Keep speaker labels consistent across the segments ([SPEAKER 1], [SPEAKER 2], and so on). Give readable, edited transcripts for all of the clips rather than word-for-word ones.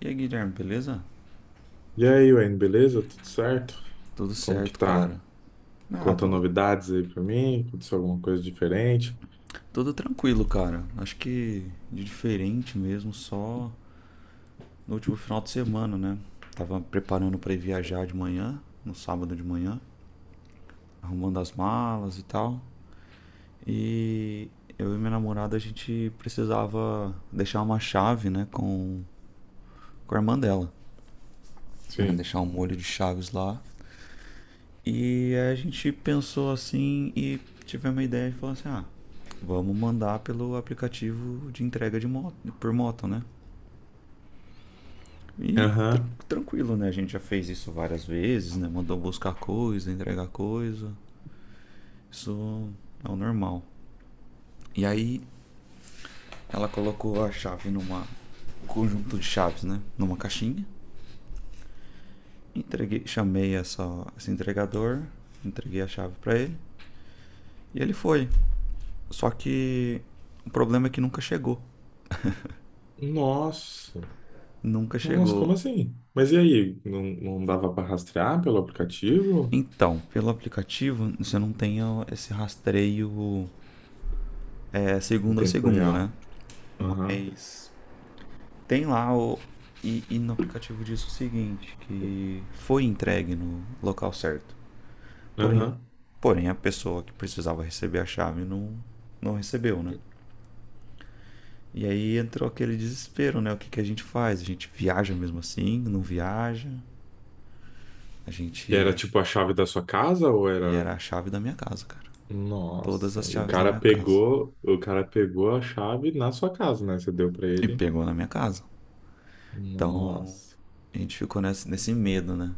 [SPEAKER 1] E aí, Guilherme, beleza?
[SPEAKER 2] E aí, Wayne, beleza? Tudo certo?
[SPEAKER 1] Tudo
[SPEAKER 2] Como que
[SPEAKER 1] certo,
[SPEAKER 2] tá?
[SPEAKER 1] cara. Ah,
[SPEAKER 2] Conta
[SPEAKER 1] tudo,
[SPEAKER 2] novidades aí pra mim? Aconteceu alguma coisa diferente?
[SPEAKER 1] tudo tranquilo, cara. Acho que de diferente mesmo, só no último final de semana, né? Tava preparando pra ir viajar de manhã, no sábado de manhã, arrumando as malas e tal. E eu e minha namorada, a gente precisava deixar uma chave, né, com a irmã dela. Né?
[SPEAKER 2] Sim.
[SPEAKER 1] Deixar um molho de chaves lá. E aí a gente pensou assim e tivemos uma ideia de falar assim, ah, vamos mandar pelo aplicativo de entrega de moto, por moto, né? E
[SPEAKER 2] Aham.
[SPEAKER 1] tranquilo, né? A gente já fez isso várias vezes, né? Mandou buscar coisa, entregar coisa. Isso é o normal. E aí ela colocou a chave numa um conjunto de chaves, né? Numa caixinha. Entreguei, chamei esse entregador, entreguei a chave pra ele e ele foi. Só que o problema é que nunca chegou.
[SPEAKER 2] Nossa.
[SPEAKER 1] Nunca
[SPEAKER 2] Nossa, como
[SPEAKER 1] chegou.
[SPEAKER 2] assim? Mas e aí? Não dava pra rastrear pelo aplicativo?
[SPEAKER 1] Então, pelo aplicativo, você não tem esse rastreio
[SPEAKER 2] Em
[SPEAKER 1] segundo a
[SPEAKER 2] tempo
[SPEAKER 1] segundo, né?
[SPEAKER 2] real? Aham.
[SPEAKER 1] Mas tem lá o. E no aplicativo diz o seguinte, que foi entregue no local certo. Porém,
[SPEAKER 2] Aham.
[SPEAKER 1] a pessoa que precisava receber a chave não recebeu, né? E aí entrou aquele desespero, né? O que, que a gente faz? A gente viaja mesmo assim? Não viaja? A
[SPEAKER 2] E era
[SPEAKER 1] gente.
[SPEAKER 2] tipo a chave da sua casa ou
[SPEAKER 1] E
[SPEAKER 2] era...
[SPEAKER 1] era a chave da minha casa, cara. Todas
[SPEAKER 2] Nossa.
[SPEAKER 1] as
[SPEAKER 2] E o
[SPEAKER 1] chaves da
[SPEAKER 2] cara
[SPEAKER 1] minha casa.
[SPEAKER 2] pegou... O cara pegou a chave na sua casa, né? Você deu pra
[SPEAKER 1] E
[SPEAKER 2] ele.
[SPEAKER 1] pegou na minha casa. Então
[SPEAKER 2] Nossa.
[SPEAKER 1] a gente ficou nesse medo, né?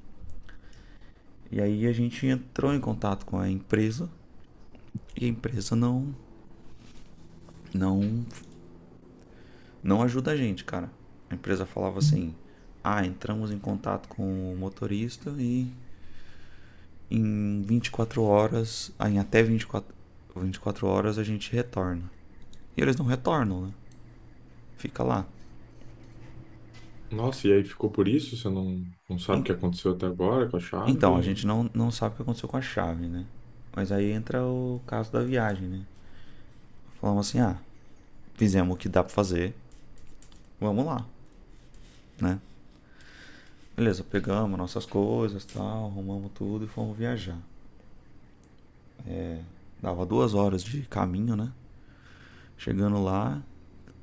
[SPEAKER 1] E aí a gente entrou em contato com a empresa e a empresa não, não ajuda a gente, cara. A empresa falava assim: ah, entramos em contato com o motorista e em 24 horas, ah, em até 24 horas a gente retorna. E eles não retornam, né? Fica lá.
[SPEAKER 2] Nossa, e aí ficou por isso? Você não sabe o que aconteceu até agora com a
[SPEAKER 1] Então, a
[SPEAKER 2] chave?
[SPEAKER 1] gente não sabe o que aconteceu com a chave, né? Mas aí entra o caso da viagem, né? Falamos assim, ah, fizemos o que dá pra fazer, vamos lá, né? Beleza, pegamos nossas coisas, tal, arrumamos tudo e fomos viajar. É, dava 2 horas de caminho, né? Chegando lá,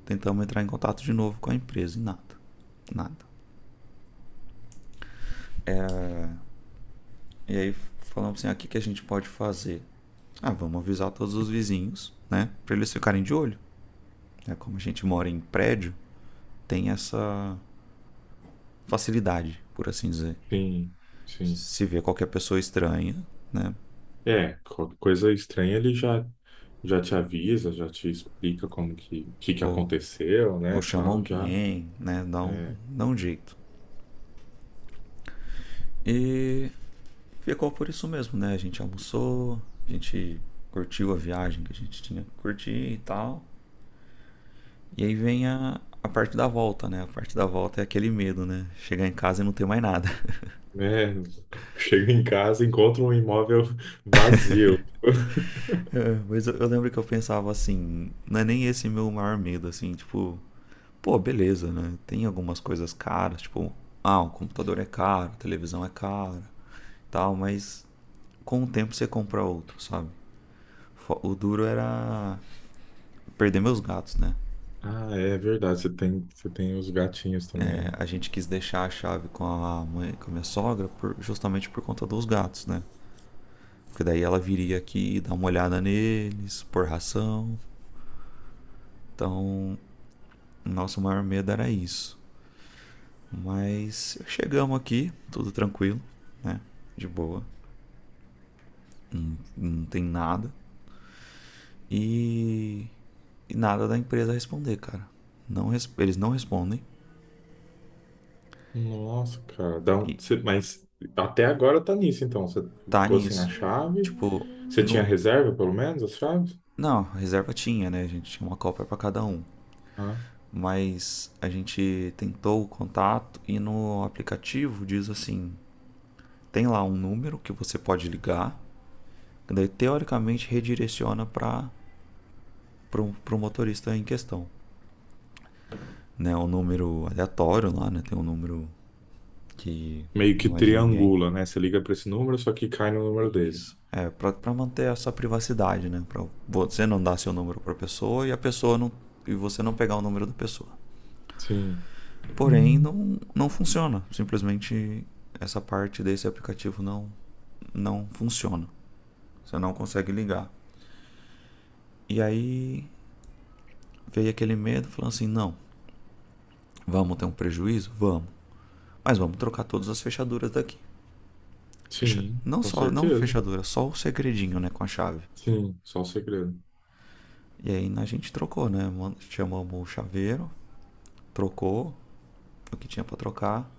[SPEAKER 1] tentamos entrar em contato de novo com a empresa e nada, nada. É, e aí falamos assim, ah, o que, que a gente pode fazer? Ah, vamos avisar todos os vizinhos, né? Pra eles ficarem de olho. É, como a gente mora em prédio, tem essa facilidade, por assim dizer.
[SPEAKER 2] Sim, sim.
[SPEAKER 1] Se vê qualquer pessoa estranha, né?
[SPEAKER 2] É, qualquer coisa estranha ele já, já te avisa, já te explica como que
[SPEAKER 1] Ou
[SPEAKER 2] aconteceu,
[SPEAKER 1] Ou
[SPEAKER 2] né,
[SPEAKER 1] chama
[SPEAKER 2] tal, já.
[SPEAKER 1] alguém, né? Dá um,
[SPEAKER 2] É,
[SPEAKER 1] dá um jeito. E ficou por isso mesmo, né? A gente almoçou, a gente curtiu a viagem que a gente tinha que curtir e tal. E aí vem a parte da volta, né? A parte da volta é aquele medo, né? Chegar em casa e não ter mais nada.
[SPEAKER 2] né, chego em casa, encontro um imóvel vazio.
[SPEAKER 1] Mas eu lembro que eu pensava assim, não é nem esse meu maior medo, assim, tipo, pô, beleza, né? Tem algumas coisas caras, tipo, ah, o computador é caro, a televisão é cara, tal, mas com o tempo você compra outro, sabe? O duro era perder meus gatos, né?
[SPEAKER 2] Ah, é verdade, você tem os gatinhos
[SPEAKER 1] É,
[SPEAKER 2] também.
[SPEAKER 1] a gente quis deixar a chave com a mãe, com a minha sogra, justamente por conta dos gatos, né? Porque daí ela viria aqui, dar uma olhada neles, pôr ração. Então, nosso maior medo era isso. Mas chegamos aqui, tudo tranquilo, né? De boa, não tem nada. E, e nada da empresa responder, cara. Não, eles não respondem.
[SPEAKER 2] Nossa, cara, dá um...
[SPEAKER 1] E
[SPEAKER 2] mas até agora tá nisso, então. Você
[SPEAKER 1] tá
[SPEAKER 2] ficou sem a
[SPEAKER 1] nisso.
[SPEAKER 2] chave?
[SPEAKER 1] Tipo,
[SPEAKER 2] Você tinha
[SPEAKER 1] no,
[SPEAKER 2] reserva, pelo menos, as chaves?
[SPEAKER 1] não, reserva tinha, né? A gente tinha uma Copa para cada um.
[SPEAKER 2] Ah,
[SPEAKER 1] Mas a gente tentou o contato e no aplicativo diz assim: tem lá um número que você pode ligar, que daí teoricamente redireciona para o motorista em questão. Né? Um número aleatório lá, né? Tem um número que
[SPEAKER 2] meio que
[SPEAKER 1] não é de ninguém.
[SPEAKER 2] triangula, né? Você liga para esse número, só que cai no número dele.
[SPEAKER 1] Isso. É, para pra manter essa privacidade, né? Para você não dar seu número pra pessoa e a pessoa não. E você não pegar o número da pessoa.
[SPEAKER 2] Sim,
[SPEAKER 1] Porém,
[SPEAKER 2] hum,
[SPEAKER 1] não funciona. Simplesmente essa parte desse aplicativo não funciona. Você não consegue ligar. E aí veio aquele medo, falando assim: não, vamos ter um prejuízo? Vamos. Mas vamos trocar todas as fechaduras daqui.
[SPEAKER 2] sim,
[SPEAKER 1] Não
[SPEAKER 2] com
[SPEAKER 1] só não a
[SPEAKER 2] certeza.
[SPEAKER 1] fechadura, só o segredinho né, com a chave.
[SPEAKER 2] Sim, só o segredo.
[SPEAKER 1] E aí a gente trocou, né? Chamamos o chaveiro, trocou o que tinha para trocar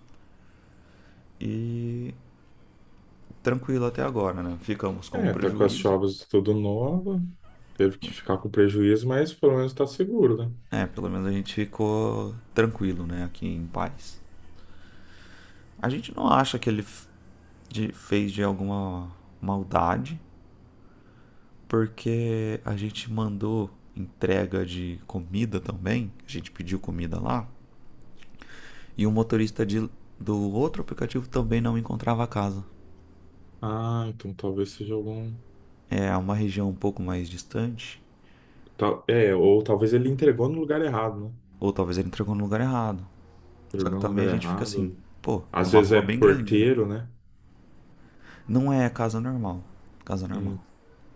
[SPEAKER 1] e tranquilo até agora, né? Ficamos com o
[SPEAKER 2] É, tá com as
[SPEAKER 1] prejuízo.
[SPEAKER 2] chaves tudo nova, teve que ficar com prejuízo, mas pelo menos tá seguro, né?
[SPEAKER 1] É, pelo menos a gente ficou tranquilo, né, aqui em paz. A gente não acha que ele fez de alguma maldade, porque a gente mandou entrega de comida também, a gente pediu comida lá, e o motorista do outro aplicativo também não encontrava a casa.
[SPEAKER 2] Ah, então talvez seja algum.
[SPEAKER 1] É uma região um pouco mais distante,
[SPEAKER 2] É, ou talvez ele entregou no lugar errado, né?
[SPEAKER 1] ou talvez ele entregou no lugar errado. Só que
[SPEAKER 2] Entregou no
[SPEAKER 1] também
[SPEAKER 2] lugar
[SPEAKER 1] a gente fica assim,
[SPEAKER 2] errado.
[SPEAKER 1] pô, é
[SPEAKER 2] Às
[SPEAKER 1] uma
[SPEAKER 2] vezes
[SPEAKER 1] rua
[SPEAKER 2] é
[SPEAKER 1] bem grande, né?
[SPEAKER 2] porteiro, né?
[SPEAKER 1] Não é casa normal, casa normal.
[SPEAKER 2] Hum,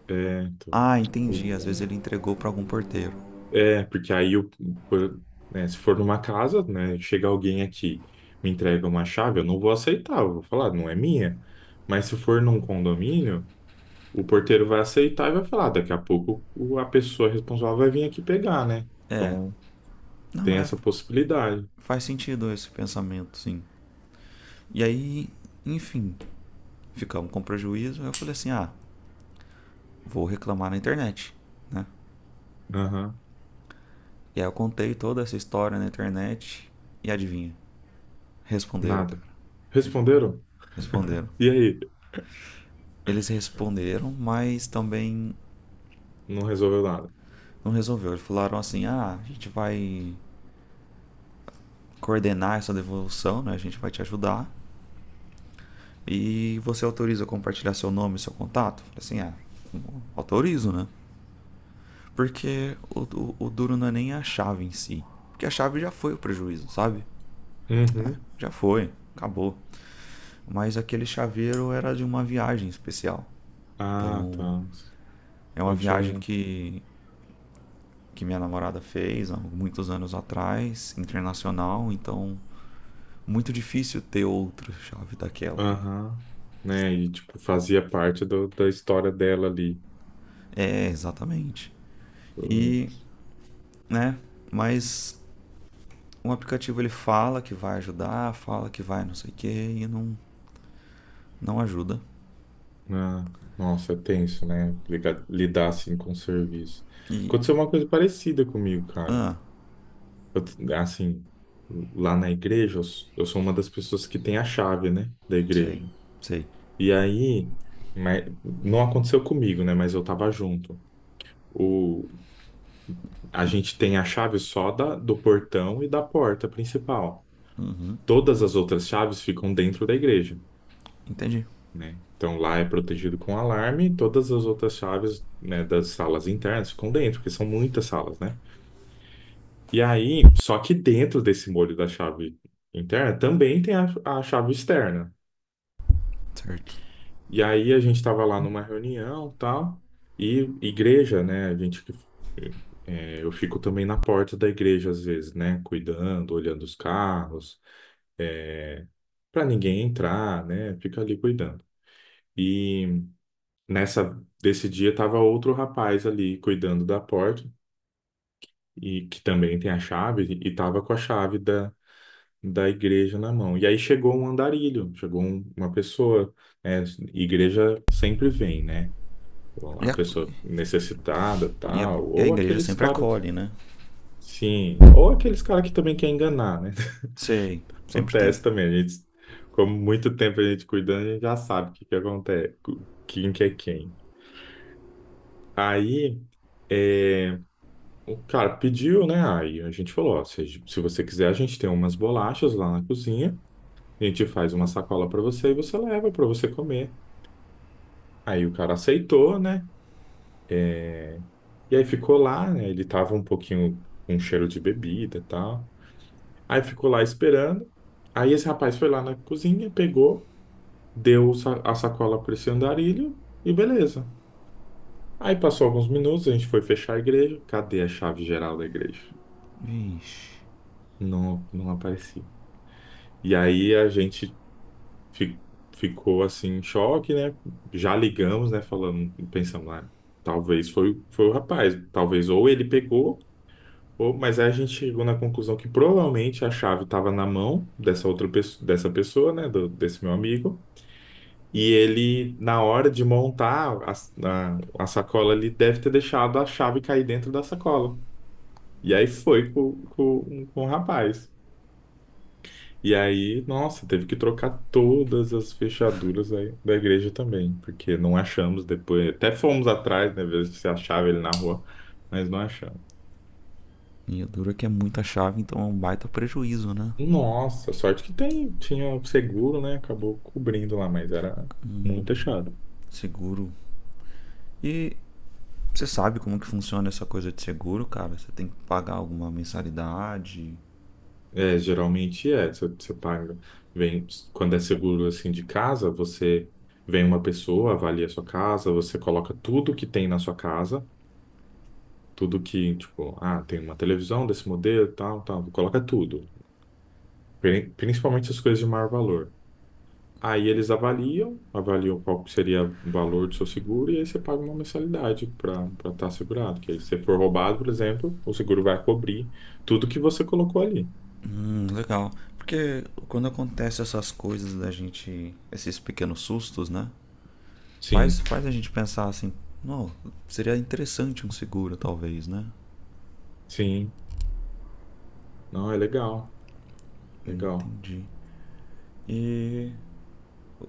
[SPEAKER 2] é, então.
[SPEAKER 1] Ah,
[SPEAKER 2] Putz,
[SPEAKER 1] entendi. Às vezes ele entregou pra algum porteiro.
[SPEAKER 2] é, porque aí, por- né, se for numa casa, né, chega alguém aqui, me entrega uma chave, eu não vou aceitar, eu vou falar, não é minha. Mas se for num condomínio, o porteiro vai aceitar e vai falar, daqui a pouco a pessoa responsável vai vir aqui pegar, né?
[SPEAKER 1] É.
[SPEAKER 2] Então,
[SPEAKER 1] Não,
[SPEAKER 2] tem
[SPEAKER 1] é.
[SPEAKER 2] essa possibilidade.
[SPEAKER 1] Faz sentido esse pensamento, sim. E aí, enfim, ficamos com prejuízo. Eu falei assim: ah, vou reclamar na internet, né?
[SPEAKER 2] Aham,
[SPEAKER 1] E aí eu contei toda essa história na internet. E adivinha? Responderam,
[SPEAKER 2] nada.
[SPEAKER 1] cara. Respon-
[SPEAKER 2] Responderam?
[SPEAKER 1] Responderam.
[SPEAKER 2] E aí?
[SPEAKER 1] Eles responderam, mas também
[SPEAKER 2] Não resolveu nada.
[SPEAKER 1] não resolveu. Eles falaram assim: ah, a gente vai coordenar essa devolução, né? A gente vai te ajudar. E você autoriza compartilhar seu nome, e seu contato? Assim, ah, autorizo, né? Porque o duro não é nem a chave em si. Porque a chave já foi o prejuízo, sabe? Ah,
[SPEAKER 2] Uhum.
[SPEAKER 1] já foi, acabou. Mas aquele chaveiro era de uma viagem especial.
[SPEAKER 2] Ah, tá.
[SPEAKER 1] Então, é uma
[SPEAKER 2] Então tinha
[SPEAKER 1] viagem
[SPEAKER 2] um.
[SPEAKER 1] que minha namorada fez há muitos anos atrás, internacional. Então, muito difícil ter outra chave daquela.
[SPEAKER 2] Aham, né? E tipo, fazia parte da história dela ali.
[SPEAKER 1] É, exatamente.
[SPEAKER 2] Hum,
[SPEAKER 1] E, né? Mas um aplicativo ele fala que vai ajudar, fala que vai não sei o que e não ajuda.
[SPEAKER 2] Ah, nossa, é tenso, né? Lidar assim com o serviço.
[SPEAKER 1] E,
[SPEAKER 2] Aconteceu uma coisa parecida comigo, cara.
[SPEAKER 1] ah,
[SPEAKER 2] Assim, lá na igreja, eu sou uma das pessoas que tem a chave, né? Da
[SPEAKER 1] sei,
[SPEAKER 2] igreja.
[SPEAKER 1] sei.
[SPEAKER 2] E aí, mas, não aconteceu comigo, né? Mas eu tava junto. O, a gente tem a chave só da, do portão e da porta principal. Todas as outras chaves ficam dentro da igreja.
[SPEAKER 1] Entendi.
[SPEAKER 2] Né? Então lá é protegido com alarme, todas as outras chaves, né, das salas internas ficam dentro, porque são muitas salas, né? E aí, só que dentro desse molho da chave interna também tem a chave externa.
[SPEAKER 1] Certo.
[SPEAKER 2] E aí a gente estava lá numa reunião, tal, e igreja, né? A gente que é, eu fico também na porta da igreja às vezes, né? Cuidando, olhando os carros, é, para ninguém entrar, né? Fico ali cuidando. E nessa, desse dia tava outro rapaz ali cuidando da porta e que também tem a chave e tava com a chave da igreja na mão. E aí chegou um andarilho, chegou uma pessoa, né? Igreja sempre vem, né? Então, a
[SPEAKER 1] E a,
[SPEAKER 2] pessoa necessitada,
[SPEAKER 1] e a,
[SPEAKER 2] tal,
[SPEAKER 1] e a
[SPEAKER 2] ou
[SPEAKER 1] igreja
[SPEAKER 2] aqueles
[SPEAKER 1] sempre
[SPEAKER 2] caras,
[SPEAKER 1] acolhe, né?
[SPEAKER 2] sim, ou aqueles caras que também quer enganar, né?
[SPEAKER 1] Sei, sempre tem.
[SPEAKER 2] Acontece também, a gente, como muito tempo a gente cuidando, a gente já sabe o que que acontece, quem que é quem. Aí, é, o cara pediu, né? Aí a gente falou, ó, se você quiser, a gente tem umas bolachas lá na cozinha, a gente faz uma sacola para você e você leva para você comer. Aí o cara aceitou, né? É, e aí ficou lá, né? Ele tava um pouquinho com cheiro de bebida e tal. Aí ficou lá esperando. Aí esse rapaz foi lá na cozinha, pegou, deu a sacola para esse andarilho e beleza. Aí passou alguns minutos, a gente foi fechar a igreja. Cadê a chave geral da igreja?
[SPEAKER 1] Vixe.
[SPEAKER 2] Não aparecia. E aí a gente fi- ficou assim em choque, né? Já ligamos, né? Falando, pensamos, ah, talvez foi, foi o rapaz, talvez ou ele pegou, ou, mas aí a gente chegou na conclusão que provavelmente a chave estava na mão dessa outra pessoa, dessa pessoa, né? Desse meu amigo. E ele, na hora de montar a sacola, ele deve ter deixado a chave cair dentro da sacola. E aí foi com o rapaz. E aí, nossa, teve que trocar todas as fechaduras aí da igreja também, porque não achamos depois. Até fomos atrás, né, ver se achava ele na rua, mas não achamos.
[SPEAKER 1] E a dura que é muita chave, então é um baita prejuízo, né?
[SPEAKER 2] Nossa, sorte que tem, tinha seguro, né? Acabou cobrindo lá, mas era muito achado.
[SPEAKER 1] Seguro. E você sabe como que funciona essa coisa de seguro, cara? Você tem que pagar alguma mensalidade?
[SPEAKER 2] É, geralmente é, você, você paga, vem, quando é seguro assim de casa, você vem uma pessoa, avalia a sua casa, você coloca tudo que tem na sua casa, tudo que, tipo, ah, tem uma televisão desse modelo, tal, tal, coloca tudo. Principalmente as coisas de maior valor. Aí eles avaliam, avaliam qual que seria o valor do seu seguro e aí você paga uma mensalidade para estar segurado. Que aí se você for roubado, por exemplo, o seguro vai cobrir tudo que você colocou ali.
[SPEAKER 1] Legal. Porque quando acontece essas coisas da gente, esses pequenos sustos, né? Faz,
[SPEAKER 2] Sim,
[SPEAKER 1] faz a gente pensar assim, não, seria interessante um seguro, talvez, né?
[SPEAKER 2] sim. Não, é legal, legal.
[SPEAKER 1] Entendi. E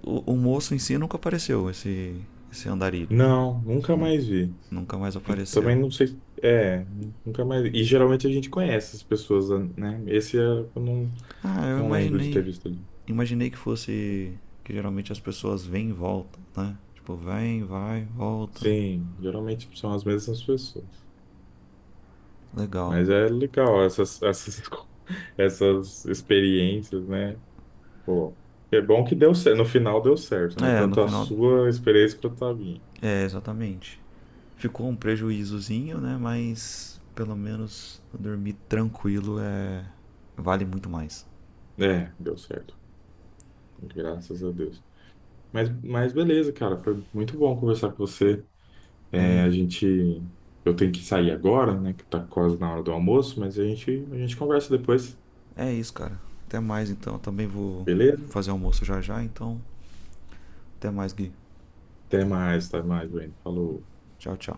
[SPEAKER 1] o moço em si nunca apareceu, esse andarilho.
[SPEAKER 2] Não, nunca
[SPEAKER 1] Nu-
[SPEAKER 2] mais vi.
[SPEAKER 1] Nunca mais
[SPEAKER 2] Eu também
[SPEAKER 1] apareceu.
[SPEAKER 2] não sei. É, nunca mais vi. E geralmente a gente conhece as pessoas, né? Eu não,
[SPEAKER 1] Ah, eu
[SPEAKER 2] não lembro de ter
[SPEAKER 1] imaginei.
[SPEAKER 2] visto ali.
[SPEAKER 1] Imaginei que fosse que geralmente as pessoas vêm e voltam, né? Tipo, vem, vai, volta.
[SPEAKER 2] Sim, geralmente são as mesmas pessoas.
[SPEAKER 1] Legal.
[SPEAKER 2] Mas é legal essas experiências, né? Pô, é bom que deu certo. No final deu certo, né?
[SPEAKER 1] É, no
[SPEAKER 2] Tanto a
[SPEAKER 1] final.
[SPEAKER 2] sua experiência quanto a minha.
[SPEAKER 1] É, exatamente. Ficou um prejuízozinho, né? Mas pelo menos dormir tranquilo é vale muito mais.
[SPEAKER 2] É, deu certo. Graças a Deus. Mas beleza, cara. Foi muito bom conversar com você. É,
[SPEAKER 1] É,
[SPEAKER 2] a gente. Eu tenho que sair agora, né? Que tá quase na hora do almoço, mas a gente conversa depois.
[SPEAKER 1] é isso, cara. Até mais então. Eu também vou
[SPEAKER 2] Beleza?
[SPEAKER 1] fazer almoço já já, então até mais, Gui.
[SPEAKER 2] Até mais, Wayne. Falou.
[SPEAKER 1] Tchau, tchau.